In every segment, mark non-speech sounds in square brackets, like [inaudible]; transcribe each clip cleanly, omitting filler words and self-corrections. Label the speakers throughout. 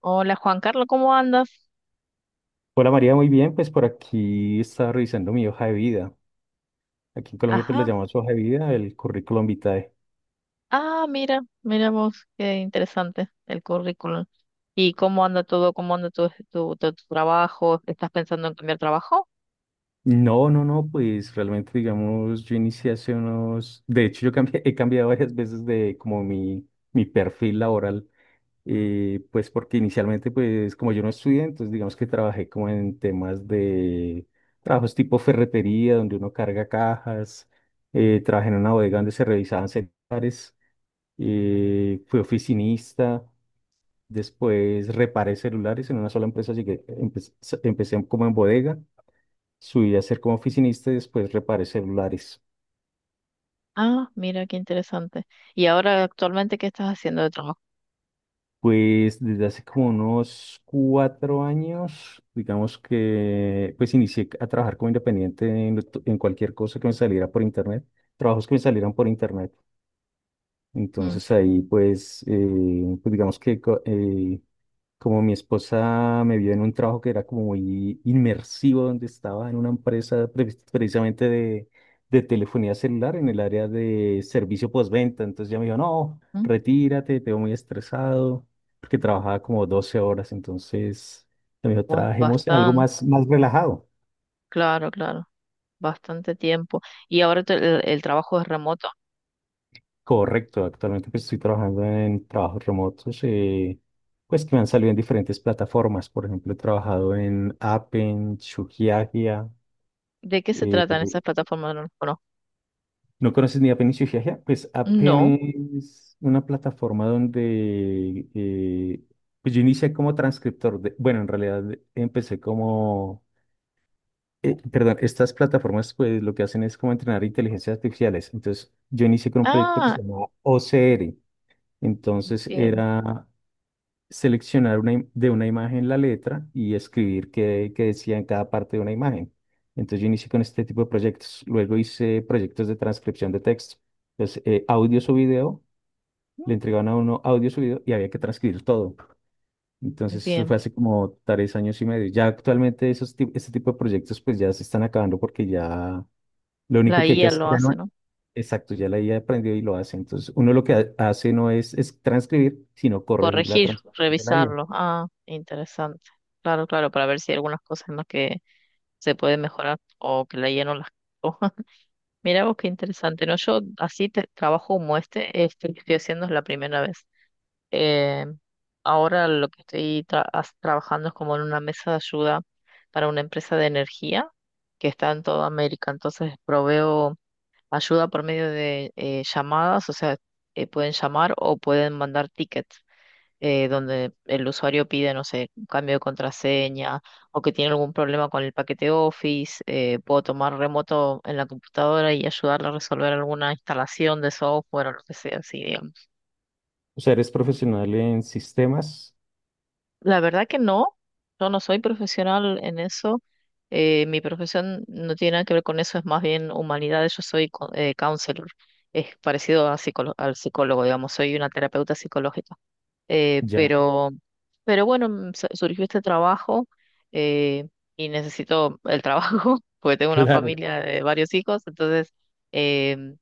Speaker 1: Hola Juan Carlos, ¿cómo andas?
Speaker 2: Hola María, muy bien, pues por aquí estaba revisando mi hoja de vida. Aquí en Colombia pues la
Speaker 1: Ajá.
Speaker 2: llamamos hoja de vida, el currículum vitae.
Speaker 1: Ah, mira, mira vos, qué interesante el currículum. ¿Y cómo anda todo? ¿Cómo anda tu trabajo? ¿Estás pensando en cambiar trabajo?
Speaker 2: No, no, no, pues realmente digamos, yo inicié hace unos, de hecho [laughs] he cambiado varias veces de como mi perfil laboral, pues porque inicialmente pues como yo no estudié, entonces digamos que trabajé como en temas de trabajos tipo ferretería, donde uno carga cajas, trabajé en una bodega donde se revisaban celulares, fui oficinista. Después reparé celulares en una sola empresa, llegué, empecé como en bodega, subí a ser como oficinista y después reparé celulares.
Speaker 1: Ah, mira, qué interesante. ¿Y ahora actualmente qué estás haciendo de trabajo?
Speaker 2: Pues desde hace como unos 4 años, digamos que, pues inicié a trabajar como independiente en, en cualquier cosa que me saliera por internet, trabajos que me salieran por internet.
Speaker 1: Mm,
Speaker 2: Entonces ahí pues, pues digamos que como mi esposa me vio en un trabajo que era como muy inmersivo, donde estaba en una empresa precisamente de telefonía celular en el área de servicio postventa. Entonces ya me dijo, no,
Speaker 1: mm,
Speaker 2: retírate, te veo muy estresado, porque trabajaba como 12 horas. Entonces me dijo, trabajemos en algo
Speaker 1: Bastante,
Speaker 2: más, más relajado.
Speaker 1: claro, claro, bastante tiempo. ¿Y ahora el trabajo es remoto?
Speaker 2: Correcto, actualmente pues estoy trabajando en trabajos remotos, pues que me han salido en diferentes plataformas. Por ejemplo, he trabajado en Appen, Shugiagia.
Speaker 1: ¿De qué se tratan esas plataformas? No. Las conozco.
Speaker 2: ¿No conoces ni Apenas y Giagia? Pues Apenas
Speaker 1: No.
Speaker 2: es una plataforma donde pues yo inicié como transcriptor de, bueno, en realidad empecé como, perdón, estas plataformas pues lo que hacen es como entrenar inteligencias artificiales. Entonces yo inicié con un proyecto que
Speaker 1: Ah,
Speaker 2: se llamaba OCR. Entonces
Speaker 1: bien,
Speaker 2: era seleccionar de una imagen la letra y escribir qué decía en cada parte de una imagen. Entonces yo inicié con este tipo de proyectos. Luego hice proyectos de transcripción de texto. Entonces, audios o video, le entregaban a uno audios o video y había que transcribir todo. Entonces eso
Speaker 1: bien.
Speaker 2: fue hace como 3 años y medio. Ya actualmente este tipo de proyectos pues ya se están acabando porque ya lo
Speaker 1: La
Speaker 2: único que hay que
Speaker 1: IA
Speaker 2: hacer,
Speaker 1: lo
Speaker 2: ya no,
Speaker 1: hace, ¿no?
Speaker 2: exacto, ya la IA aprendió y lo hace. Entonces uno lo que hace no es, es transcribir, sino corregir la
Speaker 1: Corregir,
Speaker 2: transcripción de la IA.
Speaker 1: revisarlo. Ah, interesante. Claro, claro, para ver si hay algunas cosas en las que se puede mejorar o que le lleno las hojas. [laughs] Mira vos qué interesante, ¿no? Yo así te, trabajo como este que estoy haciendo es la primera vez. Eh, ahora lo que estoy trabajando es como en una mesa de ayuda para una empresa de energía que está en toda América. Entonces proveo ayuda por medio de llamadas, o sea, pueden llamar o pueden mandar tickets donde el usuario pide, no sé, un cambio de contraseña o que tiene algún problema con el paquete Office, puedo tomar remoto en la computadora y ayudarle a resolver alguna instalación de software o lo que sea, así, digamos.
Speaker 2: O sea, eres profesional en sistemas,
Speaker 1: La verdad que no, yo no soy profesional en eso. Mi profesión no tiene nada que ver con eso, es más bien humanidades. Yo soy counselor, es parecido a al psicólogo, digamos, soy una terapeuta psicológica. Eh,
Speaker 2: ya.
Speaker 1: pero, pero bueno, mm, surgió este trabajo eh, y necesito el trabajo [laughs] porque tengo una
Speaker 2: Claro.
Speaker 1: familia de varios hijos. Entonces, em,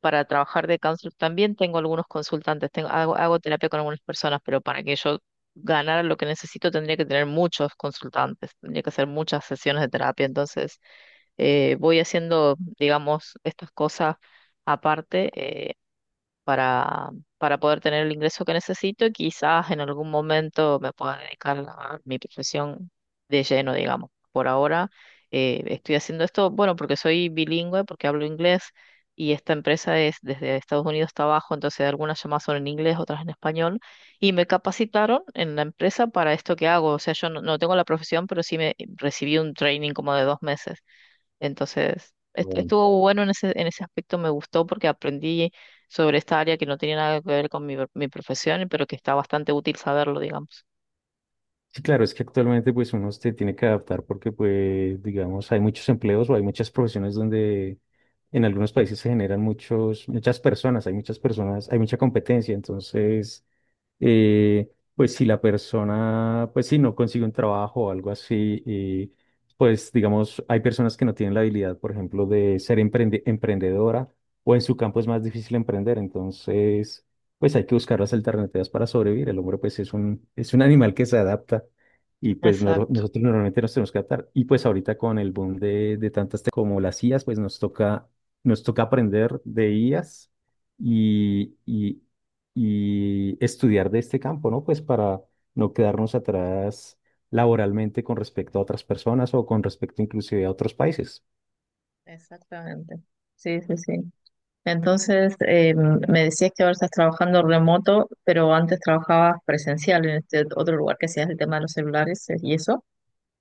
Speaker 1: para trabajar de counselor también tengo algunos consultantes. Tengo, hago terapia con algunas personas, pero para que yo ganara lo que necesito tendría que tener muchos consultantes, tendría que hacer muchas sesiones de terapia. Entonces, voy haciendo, digamos, estas cosas aparte. Para, para poder tener el ingreso que necesito y quizás en algún momento me pueda dedicar a mi profesión de lleno, digamos. Por ahora estoy haciendo esto, bueno, porque soy bilingüe, porque hablo inglés y esta empresa es desde Estados Unidos hasta abajo, entonces algunas llamadas son en inglés, otras en español y me capacitaron en la empresa para esto que hago. O sea, yo no, no tengo la profesión, pero sí me recibí un training como de 2 meses. Entonces,
Speaker 2: Bueno.
Speaker 1: estuvo bueno en en ese aspecto, me gustó porque aprendí sobre esta área que no tenía nada que ver con mi profesión, pero que está bastante útil saberlo, digamos.
Speaker 2: Sí, claro, es que actualmente pues uno se tiene que adaptar porque pues digamos hay muchos empleos o hay muchas profesiones donde en algunos países se generan muchas personas, hay mucha competencia, entonces pues si la persona, pues si no consigue un trabajo o algo así, y pues digamos, hay personas que no tienen la habilidad, por ejemplo, de ser emprendedora o en su campo es más difícil emprender, entonces, pues hay que buscar las alternativas para sobrevivir. El hombre, pues es un animal que se adapta y pues
Speaker 1: Exacto.
Speaker 2: nosotros normalmente nos tenemos que adaptar. Y pues ahorita con el boom de, como las IAs, pues nos toca aprender de IAs. Y, y, y estudiar de este campo, ¿no? Pues para no quedarnos atrás laboralmente con respecto a otras personas o con respecto inclusive a otros países.
Speaker 1: Exactamente. Sí, sí, sí. Entonces, me decías que ahora estás trabajando remoto, pero antes trabajabas presencial en este otro lugar que hacías el tema de los celulares y eso.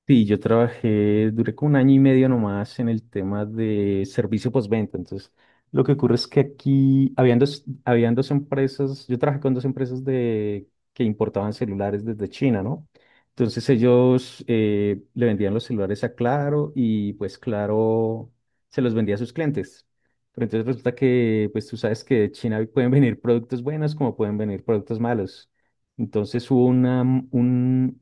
Speaker 2: Sí, yo trabajé, duré como 1 año y medio nomás en el tema de servicio postventa. Entonces, lo que ocurre es que aquí habían dos empresas, yo trabajé con dos empresas de, que importaban celulares desde China, ¿no? Entonces ellos le vendían los celulares a Claro y pues Claro se los vendía a sus clientes. Pero entonces resulta que, pues tú sabes que de China pueden venir productos buenos como pueden venir productos malos. Entonces un,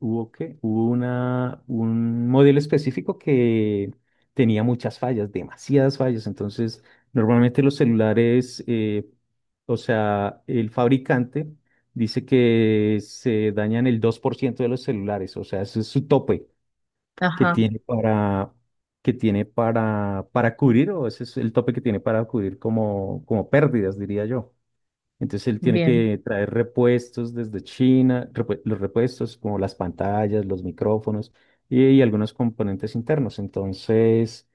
Speaker 2: Hubo una, un modelo específico que tenía muchas fallas, demasiadas fallas. Entonces, normalmente los celulares, o sea, el fabricante dice que se dañan el 2% de los celulares. O sea, ese es su tope que
Speaker 1: Ajá,
Speaker 2: tiene para, que tiene para cubrir, o ese es el tope que tiene para cubrir como, como pérdidas, diría yo. Entonces él tiene
Speaker 1: bien.
Speaker 2: que traer repuestos desde China, los repuestos como las pantallas, los micrófonos y algunos componentes internos. Entonces,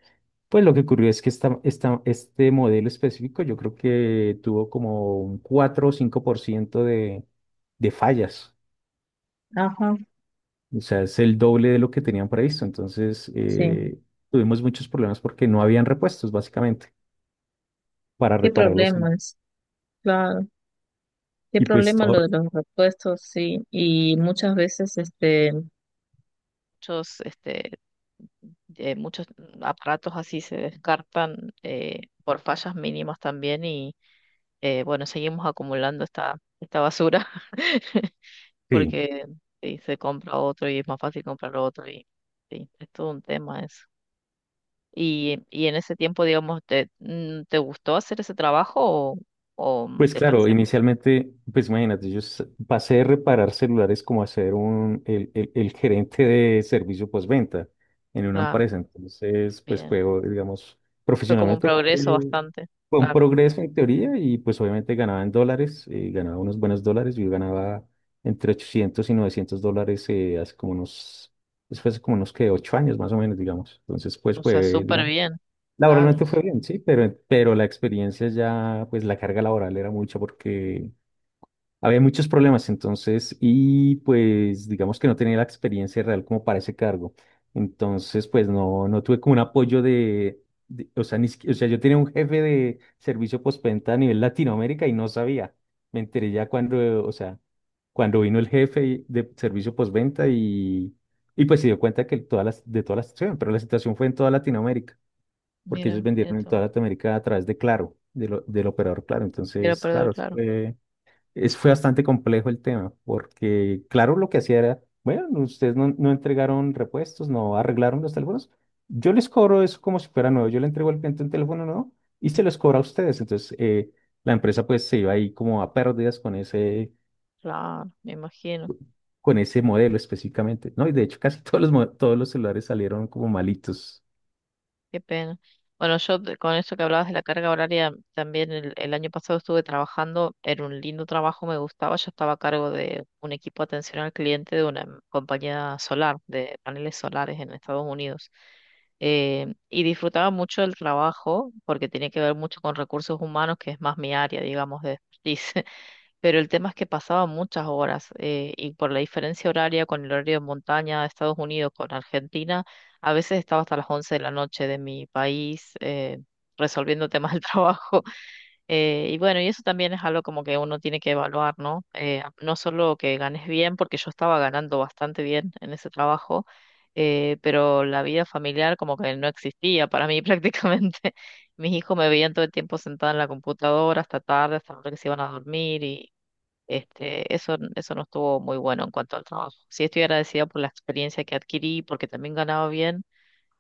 Speaker 2: pues lo que ocurrió es que este modelo específico yo creo que tuvo como un 4 o 5% de fallas.
Speaker 1: Ajá,
Speaker 2: O sea, es el doble de lo que tenían previsto. Entonces,
Speaker 1: sí.
Speaker 2: tuvimos muchos problemas porque no habían repuestos, básicamente, para
Speaker 1: ¿Qué
Speaker 2: repararlos.
Speaker 1: problemas? Claro. ¿Qué
Speaker 2: Y pues
Speaker 1: problema
Speaker 2: todo,
Speaker 1: lo de los repuestos? Sí. Y muchas veces, muchos, este, muchos aparatos así se descartan por fallas mínimas también y bueno, seguimos acumulando esta basura [laughs]
Speaker 2: sí.
Speaker 1: porque sí, se compra otro y es más fácil comprar otro y sí, es todo un tema eso. Y en ese tiempo, digamos, ¿ te gustó hacer ese trabajo o
Speaker 2: Pues
Speaker 1: te
Speaker 2: claro,
Speaker 1: parecía más
Speaker 2: inicialmente, pues imagínate, pasé de reparar celulares como a ser el gerente de servicio postventa en una
Speaker 1: claro?
Speaker 2: empresa. Entonces, pues
Speaker 1: Bien.
Speaker 2: digamos,
Speaker 1: Fue como un
Speaker 2: profesionalmente
Speaker 1: progreso
Speaker 2: fue,
Speaker 1: bastante,
Speaker 2: fue un
Speaker 1: claro.
Speaker 2: progreso en teoría y pues obviamente ganaba en dólares, ganaba unos buenos dólares. Yo ganaba entre 800 y $900 hace como unos, después hace como unos que 8 años más o menos, digamos. Entonces, pues
Speaker 1: O sea,
Speaker 2: fue,
Speaker 1: súper
Speaker 2: digamos,
Speaker 1: bien. Claro.
Speaker 2: laboralmente fue bien, sí, pero la experiencia ya, pues la carga laboral era mucha porque había muchos problemas entonces y pues digamos que no tenía la experiencia real como para ese cargo. Entonces, pues no, no tuve como un apoyo de, o sea, ni, siqui- o sea, yo tenía un jefe de servicio postventa a nivel Latinoamérica y no sabía. Me enteré ya cuando, o sea, cuando vino el jefe de servicio postventa y pues se dio cuenta que de toda la situación, pero la situación fue en toda Latinoamérica porque ellos
Speaker 1: Mira, mira
Speaker 2: vendieron en
Speaker 1: tú.
Speaker 2: toda Latinoamérica a través de Claro, del operador Claro.
Speaker 1: De lo
Speaker 2: Entonces,
Speaker 1: perdedor,
Speaker 2: claro,
Speaker 1: claro,
Speaker 2: fue bastante complejo el tema, porque Claro lo que hacía era, bueno, ustedes no entregaron repuestos, no arreglaron los teléfonos, yo les cobro eso como si fuera nuevo, yo le entrego al cliente un teléfono nuevo y se los cobro a ustedes. Entonces, la empresa pues se iba ahí como a pérdidas
Speaker 1: claro, me imagino,
Speaker 2: con ese modelo específicamente, ¿no? Y de hecho casi [laughs] todos todos los celulares salieron como malitos.
Speaker 1: qué pena. Bueno, con eso que hablabas de la carga horaria, también el año pasado estuve trabajando, era un lindo trabajo, me gustaba, yo estaba a cargo de un equipo de atención al cliente de una compañía solar, de paneles solares en Estados Unidos. Y disfrutaba mucho el trabajo porque tenía que ver mucho con recursos humanos, que es más mi área, digamos, de expertise. Pero el tema es que pasaba muchas horas y por la diferencia horaria con el horario de montaña de Estados Unidos con Argentina, a veces estaba hasta las 11 de la noche de mi país resolviendo temas del [laughs] trabajo. Y bueno, y eso también es algo como que uno tiene que evaluar, ¿no? No solo que ganes bien, porque yo estaba ganando bastante bien en ese trabajo. Pero la vida familiar como que no existía para mí [laughs] prácticamente. Mis hijos me veían todo el tiempo sentada en la computadora hasta tarde, hasta la hora que se iban a dormir y eso no estuvo muy bueno en cuanto al trabajo. Sí estoy agradecida por la experiencia que adquirí, porque también ganaba bien,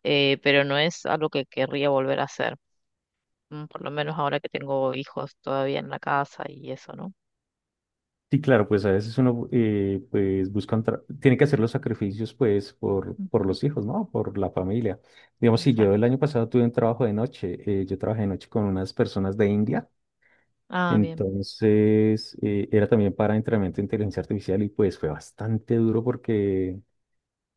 Speaker 1: pero no es algo que querría volver a hacer, mm, por lo menos ahora que tengo hijos todavía en la casa y eso, ¿no?
Speaker 2: Sí, claro, pues a veces uno pues tiene que hacer los sacrificios pues por
Speaker 1: Ujú,
Speaker 2: los hijos, ¿no? Por la familia. Digamos, si yo el
Speaker 1: exacto.
Speaker 2: año pasado tuve un trabajo de noche, yo trabajé de noche con unas personas de India,
Speaker 1: Ah, bien,
Speaker 2: entonces era también para entrenamiento de inteligencia artificial y pues fue bastante duro porque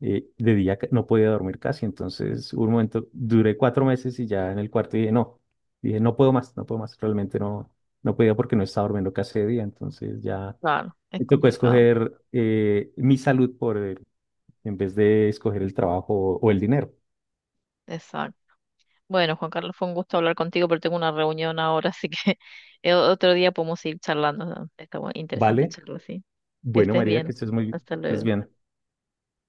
Speaker 2: de día no podía dormir casi, entonces hubo un momento, duré 4 meses y ya en el cuarto dije, no puedo más, no puedo más, realmente no, no podía porque no estaba durmiendo casi de día, entonces ya...
Speaker 1: claro, es
Speaker 2: Me tocó
Speaker 1: complicado.
Speaker 2: escoger mi salud en vez de escoger el trabajo o el dinero.
Speaker 1: Exacto. Bueno, Juan Carlos, fue un gusto hablar contigo, pero tengo una reunión ahora, así que [laughs] otro día podemos seguir charlando. ¿No? Está interesante
Speaker 2: ¿Vale?
Speaker 1: charlar, sí. Que
Speaker 2: Bueno,
Speaker 1: estés
Speaker 2: María, que
Speaker 1: bien. Hasta
Speaker 2: estés
Speaker 1: luego.
Speaker 2: bien.